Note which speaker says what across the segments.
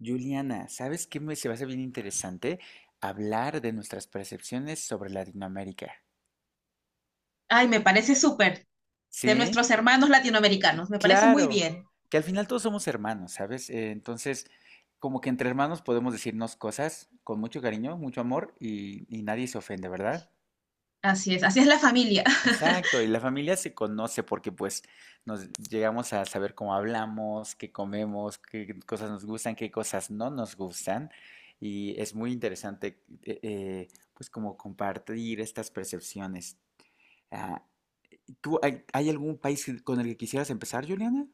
Speaker 1: Juliana, ¿sabes qué me se me hace bien interesante? Hablar de nuestras percepciones sobre Latinoamérica.
Speaker 2: Ay, me parece súper. De
Speaker 1: Sí,
Speaker 2: nuestros hermanos latinoamericanos. Me parece muy
Speaker 1: claro,
Speaker 2: bien.
Speaker 1: que al final todos somos hermanos, ¿sabes? Entonces, como que entre hermanos podemos decirnos cosas con mucho cariño, mucho amor y nadie se ofende, ¿verdad?
Speaker 2: Así es la familia.
Speaker 1: Exacto, y la familia se conoce porque pues nos llegamos a saber cómo hablamos, qué comemos, qué cosas nos gustan, qué cosas no nos gustan. Y es muy interesante pues como compartir estas percepciones. Ah, ¿Tú hay algún país con el que quisieras empezar, Juliana?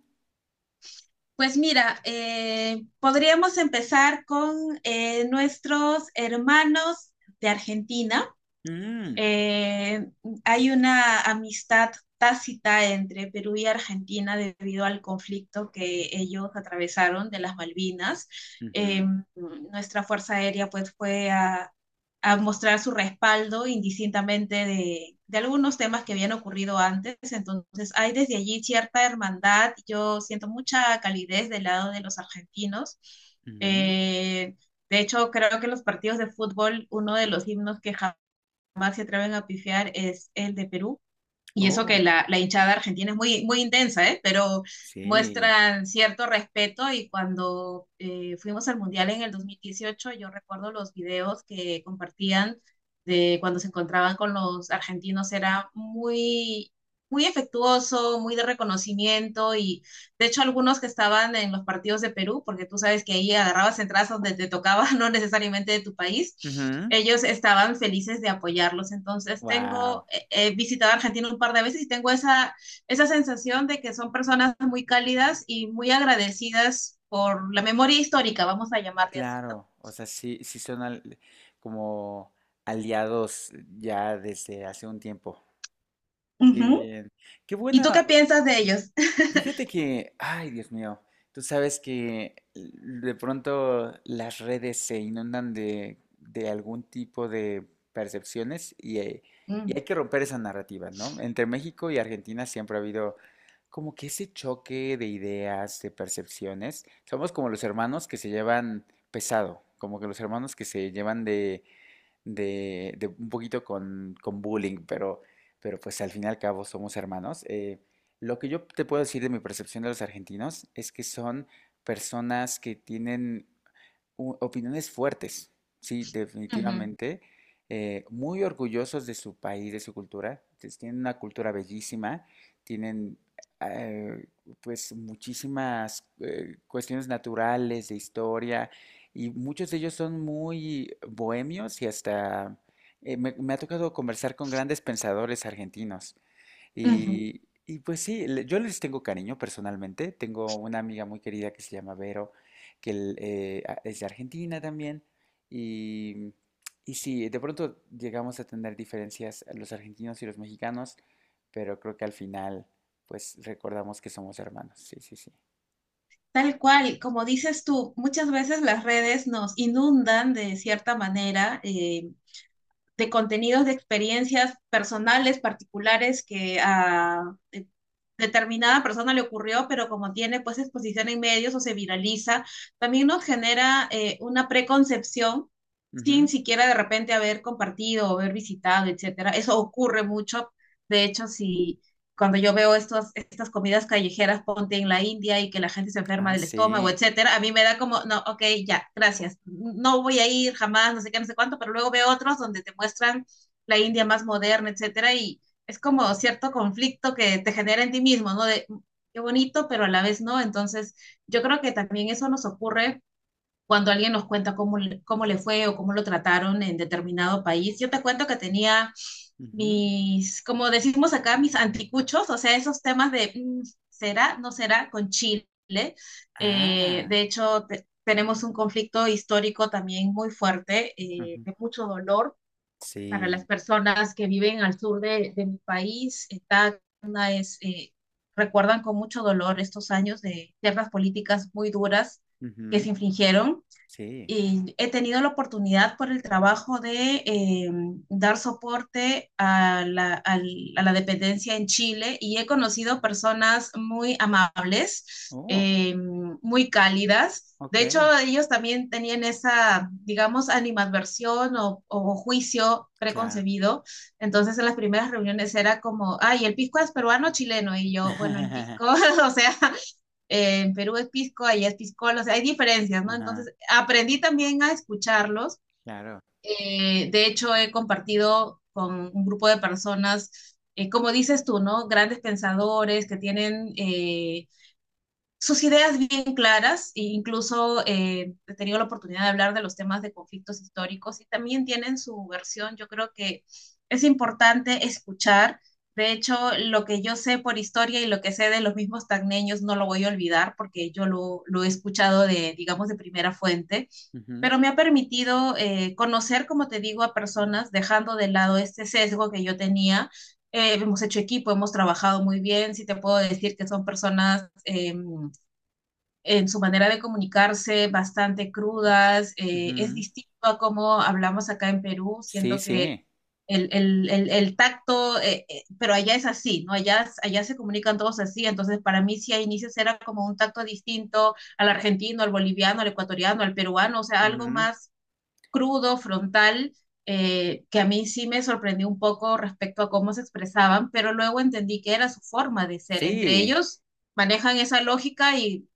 Speaker 2: Pues mira, podríamos empezar con nuestros hermanos de Argentina.
Speaker 1: Mm,
Speaker 2: eh, Hay una amistad tácita entre Perú y Argentina debido al conflicto que ellos atravesaron de las Malvinas.
Speaker 1: ujú,
Speaker 2: Eh, Nuestra Fuerza Aérea pues fue a mostrar su respaldo indistintamente de algunos temas que habían ocurrido antes. Entonces hay desde allí cierta hermandad. Yo siento mucha calidez del lado de los argentinos.
Speaker 1: ujú.
Speaker 2: Eh, de hecho, creo que los partidos de fútbol, uno de los himnos que jamás Max se atreven a pifiar es el de Perú, y eso que
Speaker 1: Oh,
Speaker 2: la hinchada argentina es muy, muy intensa, ¿eh? Pero
Speaker 1: sí.
Speaker 2: muestran cierto respeto y cuando fuimos al Mundial en el 2018 yo recuerdo los videos que compartían de cuando se encontraban con los argentinos, era muy, muy efectuoso, muy de reconocimiento y de hecho algunos que estaban en los partidos de Perú, porque tú sabes que ahí agarrabas entradas donde te tocaba, no necesariamente de tu país, ellos estaban felices de apoyarlos. Entonces
Speaker 1: Wow.
Speaker 2: tengo He visitado Argentina un par de veces y tengo esa sensación de que son personas muy cálidas y muy agradecidas por la memoria histórica, vamos a llamarle así, ¿no?
Speaker 1: Claro, o sea, sí, sí son como aliados ya desde hace un tiempo.
Speaker 2: Uh
Speaker 1: Qué
Speaker 2: -huh.
Speaker 1: bien. Qué
Speaker 2: ¿Y tú
Speaker 1: buena.
Speaker 2: qué piensas de ellos?
Speaker 1: Fíjate que, ay, Dios mío, tú sabes que de pronto las redes se inundan de algún tipo de percepciones
Speaker 2: Uh
Speaker 1: y hay que romper esa narrativa, ¿no? Entre México y Argentina siempre ha habido como que ese choque de ideas, de percepciones. Somos como los hermanos que se llevan pesado, como que los hermanos que se llevan de un poquito con bullying, pero pues al fin y al cabo somos hermanos. Lo que yo te puedo decir de mi percepción de los argentinos es que son personas que tienen opiniones fuertes, sí,
Speaker 2: -huh.
Speaker 1: definitivamente, muy orgullosos de su país, de su cultura, pues, tienen una cultura bellísima, tienen eh, pues muchísimas cuestiones naturales, de historia, y muchos de ellos son muy bohemios y hasta me ha tocado conversar con grandes pensadores argentinos
Speaker 2: Uh -huh.
Speaker 1: y pues sí, yo les tengo cariño personalmente. Tengo una amiga muy querida que se llama Vero, que es de Argentina también. Y, y sí, de pronto llegamos a tener diferencias los argentinos y los mexicanos, pero creo que al final, pues recordamos que somos hermanos. Sí, sí, sí.
Speaker 2: Tal cual, como dices tú, muchas veces las redes nos inundan de cierta manera de contenidos de experiencias personales, particulares, que a eh, determinada persona le ocurrió, pero como tiene pues exposición en medios o se viraliza, también nos genera una preconcepción sin
Speaker 1: Ujú.
Speaker 2: siquiera de repente haber compartido o haber visitado, etcétera. Eso ocurre mucho. De hecho, si cuando yo veo estas comidas callejeras, ponte en la India y que la gente se enferma
Speaker 1: Ah,
Speaker 2: del estómago,
Speaker 1: sí.
Speaker 2: etcétera, a mí me da como, no, ok, ya, gracias, no voy a ir jamás, no sé qué, no sé cuánto, pero luego veo otros donde te muestran la India más moderna, etcétera, y es como cierto conflicto que te genera en ti mismo, ¿no? De qué bonito, pero a la vez no. Entonces, yo creo que también eso nos ocurre cuando alguien nos cuenta cómo le fue o cómo lo trataron en determinado país. Yo te cuento que tenía
Speaker 1: Ujú.
Speaker 2: mis, como decimos acá, mis anticuchos, o sea, esos temas de será, no será con Chile.
Speaker 1: Ah,
Speaker 2: De hecho, tenemos un conflicto histórico también muy fuerte,
Speaker 1: ujú.
Speaker 2: de mucho dolor para las
Speaker 1: Sí.
Speaker 2: personas que viven al sur de mi país. Está, una es, recuerdan con mucho dolor estos años de ciertas políticas muy duras que se
Speaker 1: Ujú.
Speaker 2: infringieron
Speaker 1: Sí.
Speaker 2: y he tenido la oportunidad por el trabajo de dar soporte a a la dependencia en Chile y he conocido personas muy amables,
Speaker 1: Oh,
Speaker 2: muy cálidas.
Speaker 1: ok.
Speaker 2: De hecho, ellos también tenían esa, digamos, animadversión o juicio
Speaker 1: Claro.
Speaker 2: preconcebido. Entonces, en las primeras reuniones era como, ay, el pisco es peruano o chileno. Y yo, bueno, el pisco, o sea, en Perú es pisco, allá es piscola, o sea, hay diferencias, ¿no?
Speaker 1: Ajá,
Speaker 2: Entonces, aprendí también a escucharlos.
Speaker 1: claro.
Speaker 2: De hecho, he compartido con un grupo de personas, como dices tú, ¿no? Grandes pensadores que tienen sus ideas bien claras e incluso he tenido la oportunidad de hablar de los temas de conflictos históricos y también tienen su versión. Yo creo que es importante escuchar. De hecho, lo que yo sé por historia y lo que sé de los mismos tagneños no lo voy a olvidar porque yo lo he escuchado de, digamos, de primera fuente,
Speaker 1: Ujú,
Speaker 2: pero me ha permitido conocer, como te digo, a personas dejando de lado este sesgo que yo tenía hemos hecho equipo, hemos trabajado muy bien. Sí te puedo decir que son personas en su manera de comunicarse, bastante crudas. Es
Speaker 1: ujú.
Speaker 2: distinto a cómo hablamos acá en Perú.
Speaker 1: Sí,
Speaker 2: Siento que
Speaker 1: sí.
Speaker 2: el tacto, pero allá es así, ¿no? Allá, allá se comunican todos así. Entonces, para mí, sí, a inicios era como un tacto distinto al argentino, al boliviano, al ecuatoriano, al peruano, o sea, algo
Speaker 1: Ujú.
Speaker 2: más crudo, frontal. Que a mí sí me sorprendió un poco respecto a cómo se expresaban, pero luego entendí que era su forma de ser. Entre
Speaker 1: Sí,
Speaker 2: ellos manejan esa lógica y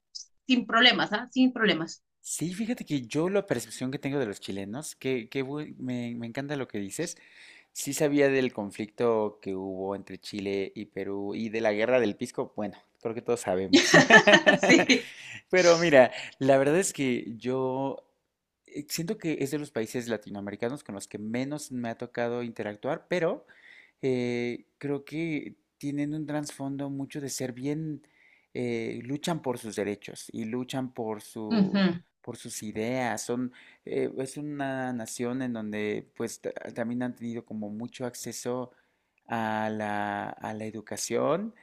Speaker 2: sin problemas, ¿ah? Sin problemas.
Speaker 1: Sí, fíjate que yo la percepción que tengo de los chilenos, que me encanta lo que dices, sí sabía del conflicto que hubo entre Chile y Perú y de la guerra del Pisco, bueno, creo que todos sabemos.
Speaker 2: Sí.
Speaker 1: Pero mira, la verdad es que yo siento que es de los países latinoamericanos con los que menos me ha tocado interactuar, pero creo que tienen un trasfondo mucho de ser bien, luchan por sus derechos y luchan por su
Speaker 2: Ujú.
Speaker 1: por sus ideas. Son, es una nación en donde pues también han tenido como mucho acceso a la educación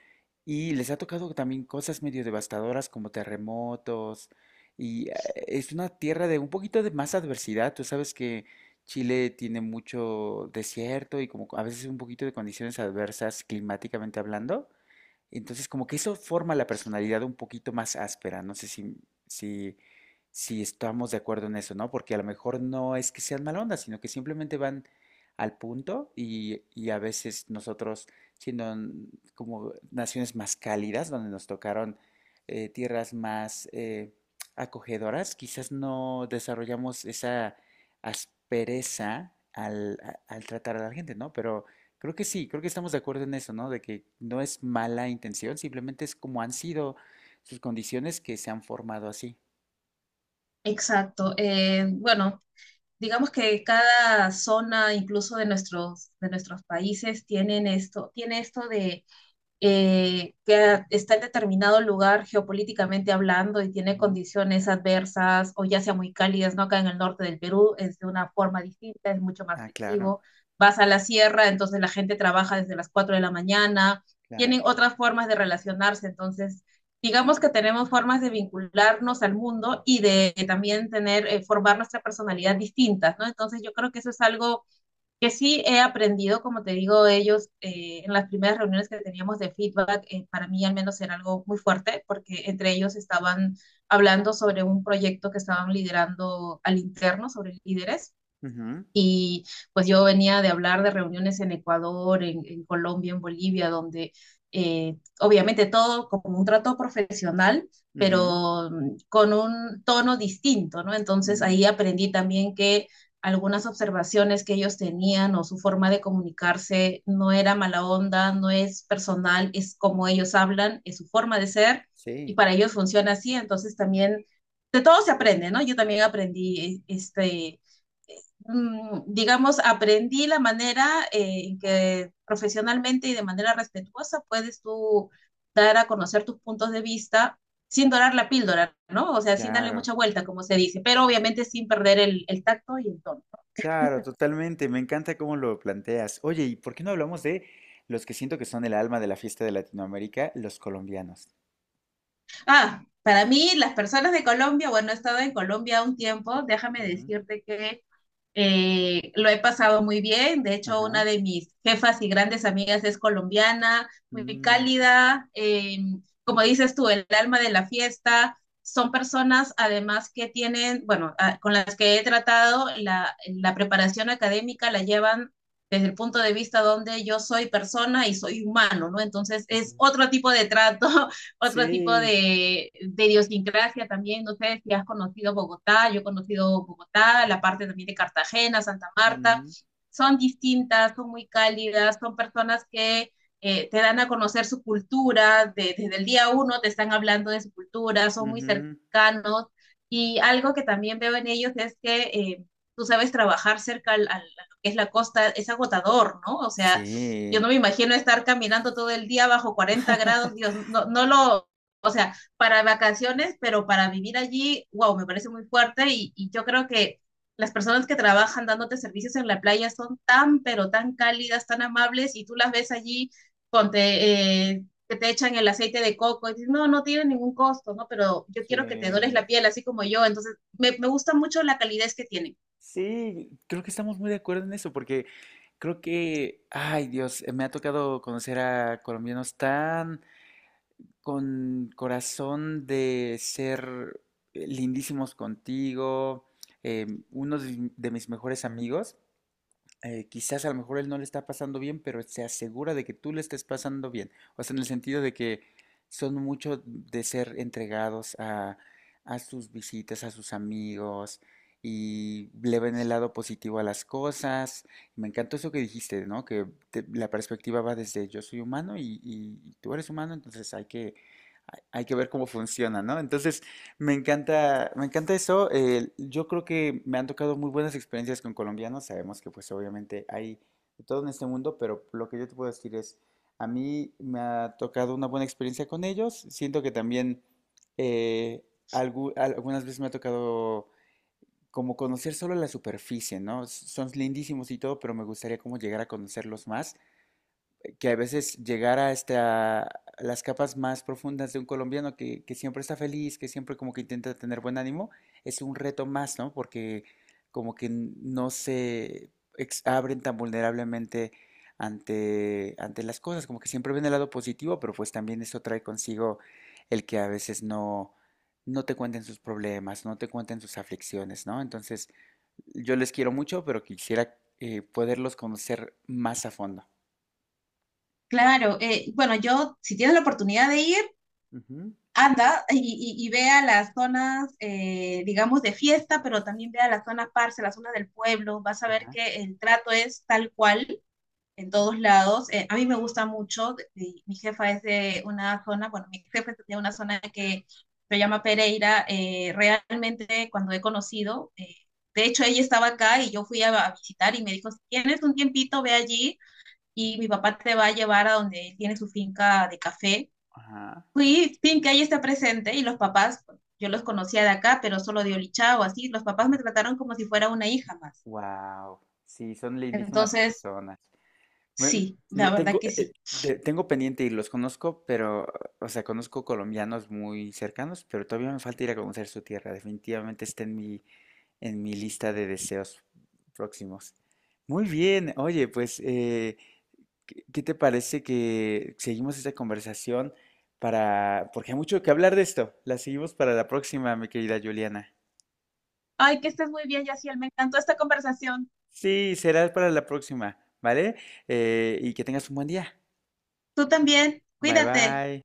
Speaker 1: y les ha tocado también cosas medio devastadoras como terremotos y es una tierra de un poquito de más adversidad. Tú sabes que Chile tiene mucho desierto y como a veces un poquito de condiciones adversas climáticamente hablando. Entonces, como que eso forma la personalidad un poquito más áspera. No sé si, si estamos de acuerdo en eso, ¿no? Porque a lo mejor no es que sean mal onda, sino que simplemente van al punto y a veces nosotros, siendo como naciones más cálidas, donde nos tocaron tierras más acogedoras, quizás no desarrollamos esa aspereza al tratar a la gente, ¿no? Pero creo que sí, creo que estamos de acuerdo en eso, ¿no? De que no es mala intención, simplemente es como han sido sus condiciones que se han formado así.
Speaker 2: Exacto. Bueno, digamos que cada zona, incluso de nuestros países, tiene esto de que está en determinado lugar geopolíticamente hablando y tiene
Speaker 1: Ujú.
Speaker 2: condiciones adversas o ya sea muy cálidas, ¿no? Acá en el norte del Perú es de una forma distinta, es mucho más
Speaker 1: Ah, claro,
Speaker 2: festivo. Vas a la sierra, entonces la gente trabaja desde las 4 de la mañana,
Speaker 1: claro,
Speaker 2: tienen
Speaker 1: claro.
Speaker 2: otras formas de relacionarse, entonces digamos que tenemos formas de vincularnos al mundo y de, también tener, formar nuestra personalidad distintas, ¿no? Entonces yo creo que eso es algo que sí he aprendido, como te digo, ellos en las primeras reuniones que teníamos de feedback, para mí al menos era algo muy fuerte, porque entre ellos estaban hablando sobre un proyecto que estaban liderando al interno, sobre líderes,
Speaker 1: Ujú,
Speaker 2: y pues yo venía de hablar de reuniones en Ecuador, en Colombia, en Bolivia, donde obviamente todo como un trato profesional,
Speaker 1: ujú,
Speaker 2: pero con un tono distinto, ¿no? Entonces
Speaker 1: mm,
Speaker 2: ahí aprendí también que algunas observaciones que ellos tenían o su forma de comunicarse no era mala onda, no es personal, es como ellos hablan, es su forma de ser
Speaker 1: sí,
Speaker 2: y para ellos funciona así. Entonces también de todo se aprende, ¿no? Yo también aprendí digamos, aprendí la manera en que profesionalmente y de manera respetuosa puedes tú dar a conocer tus puntos de vista sin dorar la píldora, ¿no? O sea, sin darle
Speaker 1: claro,
Speaker 2: mucha vuelta, como se dice, pero obviamente sin perder el tacto y el tono.
Speaker 1: claro, totalmente. Me encanta cómo lo planteas. Oye, ¿y por qué no hablamos de los que siento que son el alma de la fiesta de Latinoamérica, los colombianos?
Speaker 2: Ah, para mí, las personas de Colombia, bueno, he estado en Colombia un tiempo, déjame
Speaker 1: Ujú,
Speaker 2: decirte que lo he pasado muy bien. De hecho,
Speaker 1: Ajá.
Speaker 2: una de mis jefas y grandes amigas es colombiana, muy
Speaker 1: Mm,
Speaker 2: cálida. Como dices tú, el alma de la fiesta. Son personas, además, que tienen, bueno, con las que he tratado, la preparación académica la llevan desde el punto de vista donde yo soy persona y soy humano, ¿no? Entonces es
Speaker 1: ujú.
Speaker 2: otro tipo de trato otro tipo
Speaker 1: Sí.
Speaker 2: de idiosincrasia también. No sé si has conocido Bogotá, yo he conocido Bogotá, la parte también de Cartagena, Santa Marta.
Speaker 1: Ujú,
Speaker 2: Son distintas, son muy cálidas, son personas que te dan a conocer su cultura, de, desde el día uno te están hablando de su cultura, son muy
Speaker 1: ujú.
Speaker 2: cercanos. Y algo que también veo en ellos es que tú sabes trabajar cerca a lo que es la costa, es agotador, ¿no? O sea, yo no
Speaker 1: Sí.
Speaker 2: me imagino estar caminando todo el día bajo 40 grados, Dios, no, no lo, o sea, para vacaciones, pero para vivir allí, wow, me parece muy fuerte y yo creo que las personas que trabajan dándote servicios en la playa son tan, pero tan cálidas, tan amables y tú las ves allí que te echan el aceite de coco y dices, no, no tiene ningún costo, ¿no? Pero yo quiero que te dores
Speaker 1: Sí.
Speaker 2: la piel así como yo, entonces me gusta mucho la calidez que tienen.
Speaker 1: Sí, creo que estamos muy de acuerdo en eso, porque creo que, ay Dios, me ha tocado conocer a colombianos tan con corazón de ser lindísimos contigo. Uno de mis mejores amigos quizás a lo mejor él no le está pasando bien, pero se asegura de que tú le estés pasando bien. O sea, en el sentido de que son mucho de ser entregados a sus visitas, a sus amigos, y le ven el lado positivo a las cosas. Me encantó eso que dijiste, ¿no? Que la perspectiva va desde yo soy humano y tú eres humano, entonces hay que, hay que ver cómo funciona, ¿no? Entonces, me encanta eso. Yo creo que me han tocado muy buenas experiencias con colombianos. Sabemos que pues obviamente hay de todo en este mundo, pero lo que yo te puedo decir es, a mí me ha tocado una buena experiencia con ellos. Siento que también eh, algunas veces me ha tocado como conocer solo la superficie, ¿no? Son lindísimos y todo, pero me gustaría como llegar a conocerlos más que a veces llegar a hasta las capas más profundas de un colombiano que siempre está feliz, que siempre como que intenta tener buen ánimo, es un reto más, ¿no? Porque como que no se abren tan vulnerablemente ante las cosas, como que siempre ven el lado positivo, pero pues también eso trae consigo el que a veces no te cuenten sus problemas, no te cuenten sus aflicciones, ¿no? Entonces, yo les quiero mucho, pero quisiera poderlos conocer más a fondo.
Speaker 2: Claro, bueno, yo si tienes la oportunidad de ir,
Speaker 1: Ujú.
Speaker 2: anda y vea las zonas, digamos, de fiesta, pero también vea las zonas parce, las zonas del pueblo, vas a ver
Speaker 1: Ajá.
Speaker 2: que el trato es tal cual en todos lados. A mí me
Speaker 1: Ujú.
Speaker 2: gusta mucho, mi jefa es de una zona, bueno, mi jefa es de una zona que se llama Pereira, realmente cuando he conocido, de hecho ella estaba acá y yo fui a visitar y me dijo, si tienes un tiempito, ve allí. Y mi papá te va a llevar a donde él tiene su finca de café.
Speaker 1: Ajá,
Speaker 2: Fui, Pincay está presente y los papás, yo los conocía de acá, pero solo de Olichao, así, los papás me
Speaker 1: ajá.
Speaker 2: trataron como si fuera una hija más.
Speaker 1: Wow, sí, son lindísimas
Speaker 2: Entonces,
Speaker 1: personas. Me,
Speaker 2: sí, la verdad que sí.
Speaker 1: Tengo pendiente y los conozco, pero, o sea, conozco colombianos muy cercanos, pero todavía me falta ir a conocer su tierra. Definitivamente está en en mi lista de deseos próximos. Muy bien, oye, pues, ¿ qué te parece que seguimos esta conversación para, porque hay mucho que hablar de esto. La seguimos para la próxima, mi querida Juliana.
Speaker 2: Ay, que estés muy bien, Yaciel. Me encantó esta conversación.
Speaker 1: Sí, será para la próxima, ¿vale? Y que tengas un buen día.
Speaker 2: Tú también,
Speaker 1: Bye
Speaker 2: cuídate.
Speaker 1: bye.